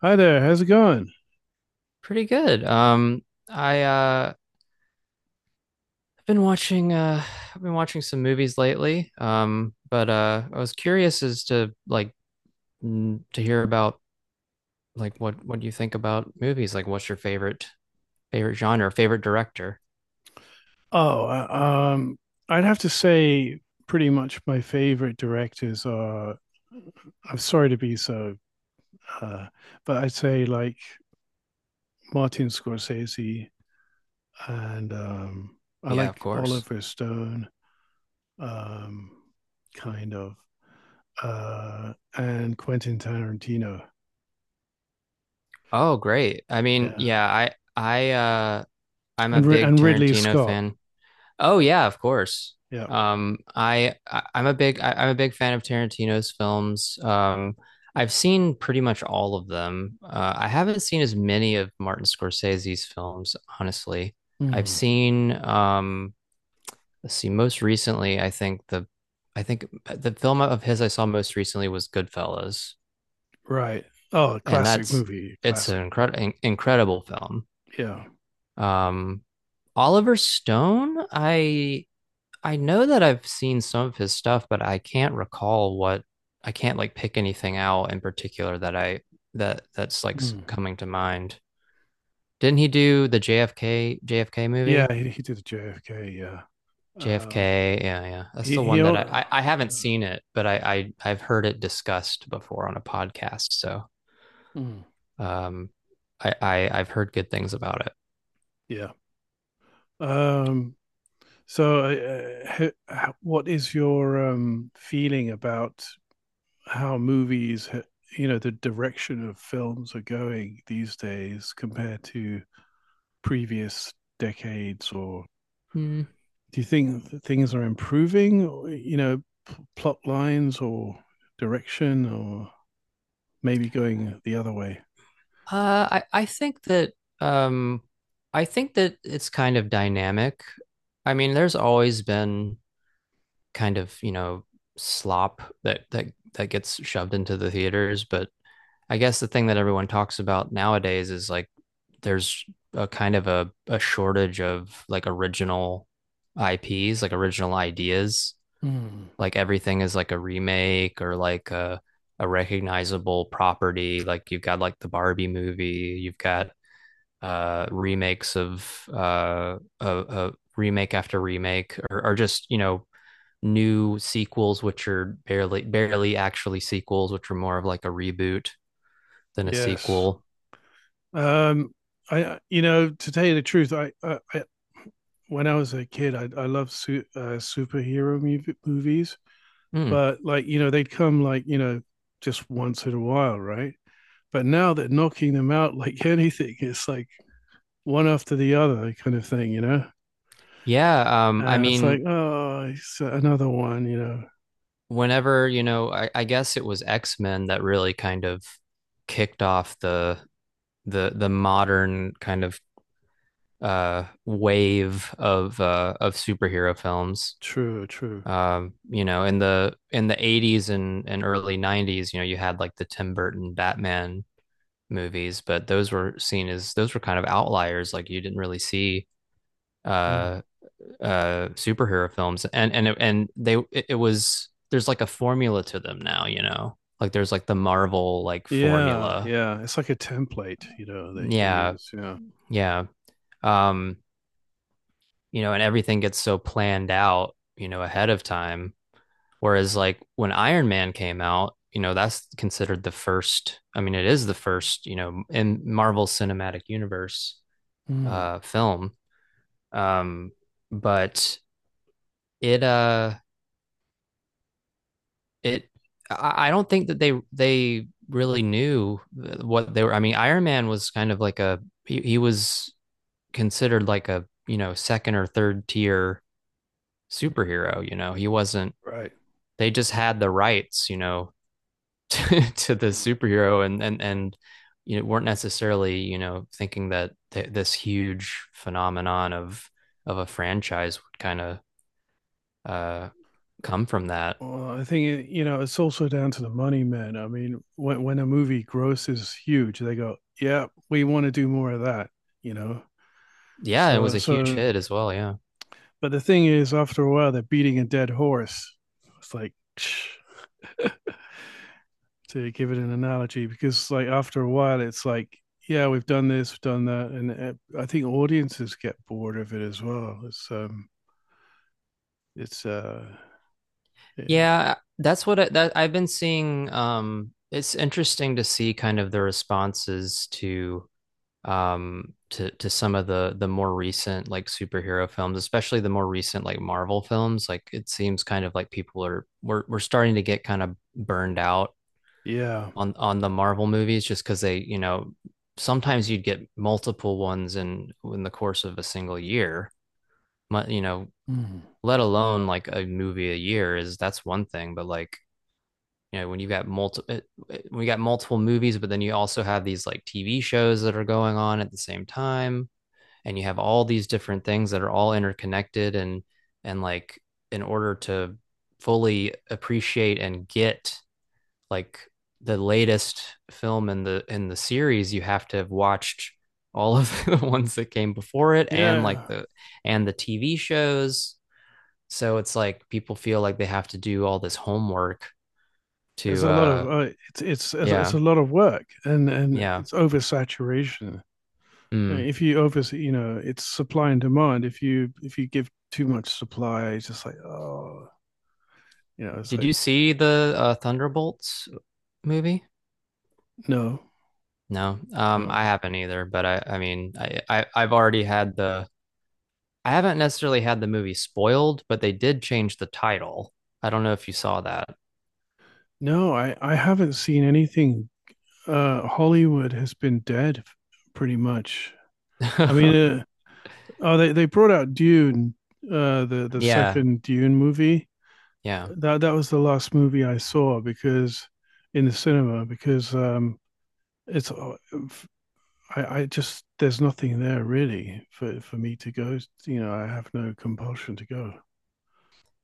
Hi there, how's it going? Pretty good. I uh I've been watching I've been watching some movies lately. But I was curious as to to hear about like what you think about movies. Like what's your favorite favorite genre, favorite director? Oh, uh, um, I'd have to say pretty much my favorite directors are. I'm sorry to be so, uh, but I'd say like Martin Scorsese and I Yeah, of like course. Oliver Stone, um, kind of, and Quentin Tarantino. Oh, great. Yeah, I'm a and Ri- big and Ridley Tarantino Scott. fan. Oh yeah, of course. Yeah. I'm a big fan of Tarantino's films. I've seen pretty much all of them. I haven't seen as many of Martin Scorsese's films, honestly. I've Hmm. seen, let's see, most recently, I think the film of his I saw most recently was Goodfellas, Right. Oh, and classic that's movie, it's classic. an incredible incredible film. Yeah. Um, Oliver Stone, I know that I've seen some of his stuff, but I can't like pick anything out in particular that I that that's like coming to mind. Didn't he do the JFK movie? Yeah, he did a JFK. Yeah, uh, JFK, yeah, yeah. That's he the he. one that I al- I, I haven't seen it, but I've heard it discussed before on a podcast. So Mm. um I, I I've heard good things about it. Yeah. Um, what is your feeling about how movies, you know, the direction of films are going these days compared to previous decades? Or Hmm. do you think that things are improving, you know, plot lines or direction, or maybe going the other way? I think that um, I think that it's kind of dynamic. I mean, there's always been kind of, you know, slop that gets shoved into the theaters, but I guess the thing that everyone talks about nowadays is like there's a kind of a shortage of like original IPs, like original ideas. Mm. Like everything is like a remake or like a recognizable property. Like you've got like the Barbie movie, you've got remakes of a remake after remake, or just you know new sequels which are barely actually sequels which are more of like a reboot than a Yes. sequel. Um, I, you know, to tell you the truth, I when I was a kid, I loved superhero movies, Hmm. but like, you know, they'd come, like, you know, just once in a while, right? But now they're knocking them out like anything. It's like one after the other kind of thing, you know. yeah um i And it's like, mean oh, it's another one, you know. Whenever you know I guess it was X-Men that really kind of kicked off the the modern kind of wave of superhero films. True, true. Um, you know, in the 80s and early 90s you know you had like the Tim Burton Batman movies, but those were seen as those were kind of outliers. Like you didn't really see Mm. uh superhero films, and they it, it was there's like a formula to them now, you know, like there's like the Marvel like Yeah, formula. yeah. It's like a template, you know. They yeah use, yeah. yeah um you know, and everything gets so planned out, you know, ahead of time. Whereas like when Iron Man came out, you know, that's considered the first, I mean, it is the first, you know, in Marvel Cinematic Universe Mm. Film. Um, but it it I don't think that they really knew what they were. I mean, Iron Man was kind of like a he was considered like a you know second or third tier superhero. You know, he wasn't Right. they just had the rights, you know, to the Mm. superhero and you know weren't necessarily you know thinking that this huge phenomenon of a franchise would kind of uh come from that. Well, I think, you know, it's also down to the money, man. I mean, when a movie grosses huge, they go, "Yeah, we want to do more of that," you know. Yeah, it was So a huge so, hit as well. Yeah, but the thing is, after a while, they're beating a dead horse. It's like to give it an analogy, because like after a while, it's like, yeah, we've done this, we've done that, and I think audiences get bored of it as well. It's uh, eh, yeah, that's what I've been seeing. It's interesting to see kind of the responses to some of the more recent like superhero films, especially the more recent like Marvel films. Like it seems kind of like people are we're starting to get kind of burned out yeah. On the Marvel movies, just cuz they you know sometimes you'd get multiple ones in the course of a single year, you know, Mm. let alone like a movie a year is that's one thing, but like you know when you got multiple we got multiple movies, but then you also have these like TV shows that are going on at the same time, and you have all these different things that are all interconnected and like in order to fully appreciate and get like the latest film in the series you have to have watched all of the ones that came before it and like Yeah. the and the TV shows, so it's like people feel like they have to do all this homework It's to a lot of it's yeah a lot of work, and yeah it's oversaturation. Mm. If you over, you know, it's supply and demand. If you give too much supply, it's just like, oh, you know, it's Did like you see the Thunderbolts movie? no, No, no. I haven't either, but I've already had I haven't necessarily had the movie spoiled, but they did change the title. I don't know if you saw that. No, I haven't seen anything. Hollywood has been dead pretty much. I mean, oh, they brought out Dune, the Yeah, second Dune movie. yeah, That was the last movie I saw because in the cinema because it's I, just there's nothing there really for me to go. You know, I have no compulsion to go.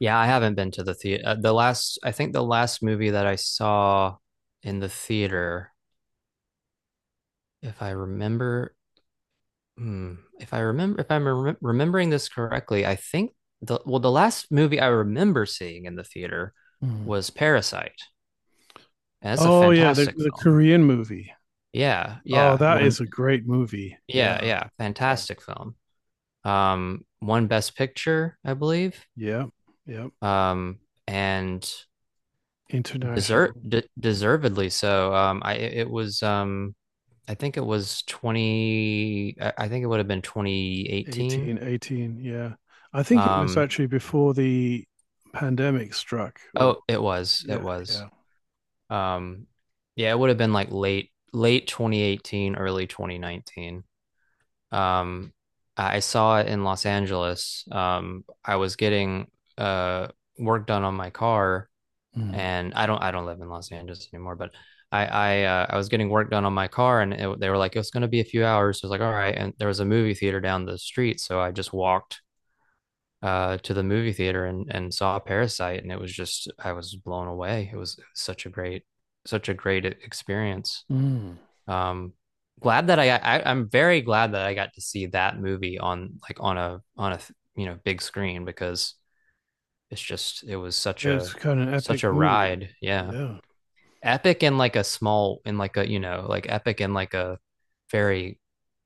yeah. I haven't been to the theater. I think the last movie that I saw in the theater, if I remember, hmm, if I remember, if I'm rem remembering this correctly, I think the, well, the last movie I remember seeing in the theater Hmm. was Parasite, and it's a Oh yeah, the fantastic film. Korean movie. Yeah, Oh, yeah, that one, is a great movie. Yeah, yeah, yeah, fantastic film. One Best Picture, I believe. yeah. Yeah. Um, and desert International. de Deservedly so. I think it was 20, I I think it would have been 2018. 18, 18, yeah. I think it was Um, actually before the pandemic struck, or oh, it was, it yeah, was. yeah. Um, yeah, it would have been like late 2018, early 2019. Um, I saw it in Los Angeles. I was getting uh work done on my car, Mm. and I don't live in Los Angeles anymore, but I was getting work done on my car, and it, they were like it's going to be a few hours. So I was like, all right, and there was a movie theater down the street, so I just walked to the movie theater and saw Parasite, and it was just I was blown away. It was such a great experience. Mm. Um glad that I, I i'm very glad that I got to see that movie on like on a you know big screen, because it's just it was such It's a kind of an epic such a movie. ride, yeah, Yeah. epic in like a small, in like a you know, like epic in like a very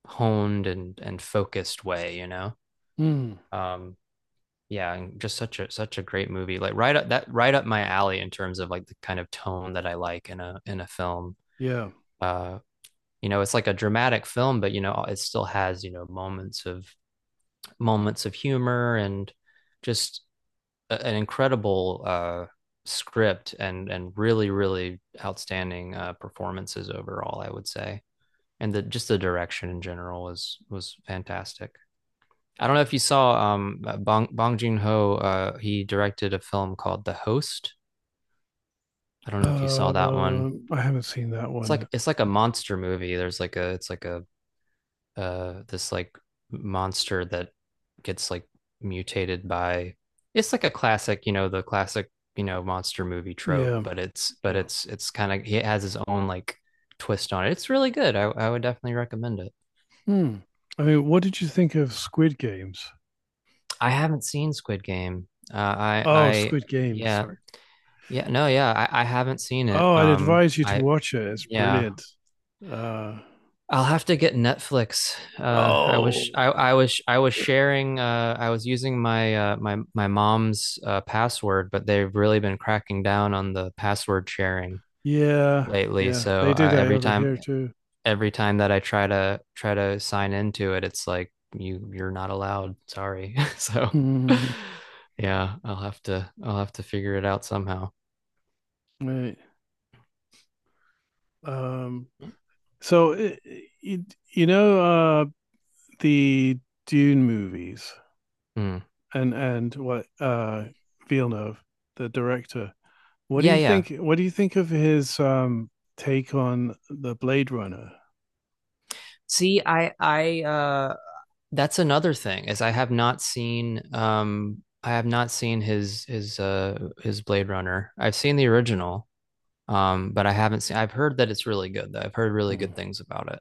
honed and focused way, you know. Mm. um yeah, and just such a such a great movie, like right up that right up my alley in terms of like the kind of tone that I like in a film. Yeah. uh you know, it's like a dramatic film, but you know it still has you know moments of humor and just an incredible script and really really outstanding performances overall, I would say. And the just the direction in general was fantastic. I don't know if you saw Bong Joon-ho. He directed a film called The Host. I don't know if you saw that one. I haven't seen that It's one. like it's like a monster movie. There's like a it's like a this like monster that gets like mutated by it's like a classic, you know, the classic, you know, monster movie trope, Yeah, but yeah. It's kind of he has his own like twist on it. It's really good. I would definitely recommend it. Mm. I mean, what did you think of Squid Games? I haven't seen Squid Game. Oh, I Squid Game, yeah sorry. yeah no yeah I haven't seen it. Oh, I'd advise you to watch it. It's yeah brilliant. Uh, I'll have to get Netflix. Uh, I oh, was I, I was I was sharing. I was using my my my mom's password, but they've really been cracking down on the password sharing yeah, lately. yeah. So They do that over here too. every time that I try to try to sign into it, it's like you you're not allowed. Sorry. So yeah, I'll have to figure it out somehow. Right. Um, so it, it, you know, the Dune movies Hmm. And what, Villeneuve, the director. What do Yeah, you yeah. think? What do you think of his take on the Blade Runner? See, I that's another thing is I have not seen I have not seen his Blade Runner. I've seen the original, but I haven't seen I've heard that it's really good though. I've heard really Mm. good things about it.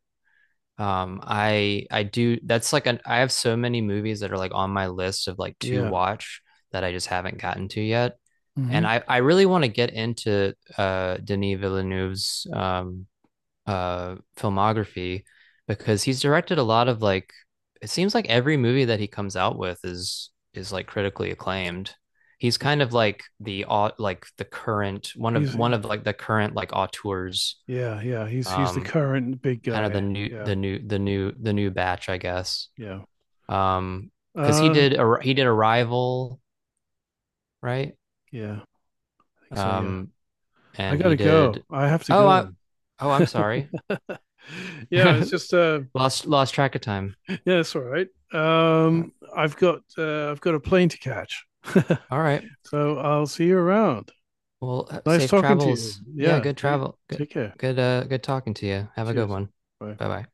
I do that's like an I have so many movies that are like on my list of like to Yeah. watch that I just haven't gotten to yet. And Hmm. I really want to get into Denis Villeneuve's filmography, because he's directed a lot of like it seems like every movie that he comes out with is like critically acclaimed. He's kind of like like the current He's, one of like the current like auteurs, yeah, yeah, he's the um current big kind of the guy. new Yeah, the new batch, I guess. yeah, Um, cuz he uh did he did Arrival, right? yeah, I think so, yeah. Um, I and he gotta go. did I have to Oh, I go. Oh, I'm sorry. Yeah, it's just Lost track of time. yeah, that's all right. Uh, I've got, I've got a plane to catch, All right. so I'll see you around. Well, Nice safe talking to you. travels. Yeah, Yeah, good take travel. Good, care. good, good talking to you. Have a good Cheers. one. Bye. Bye bye.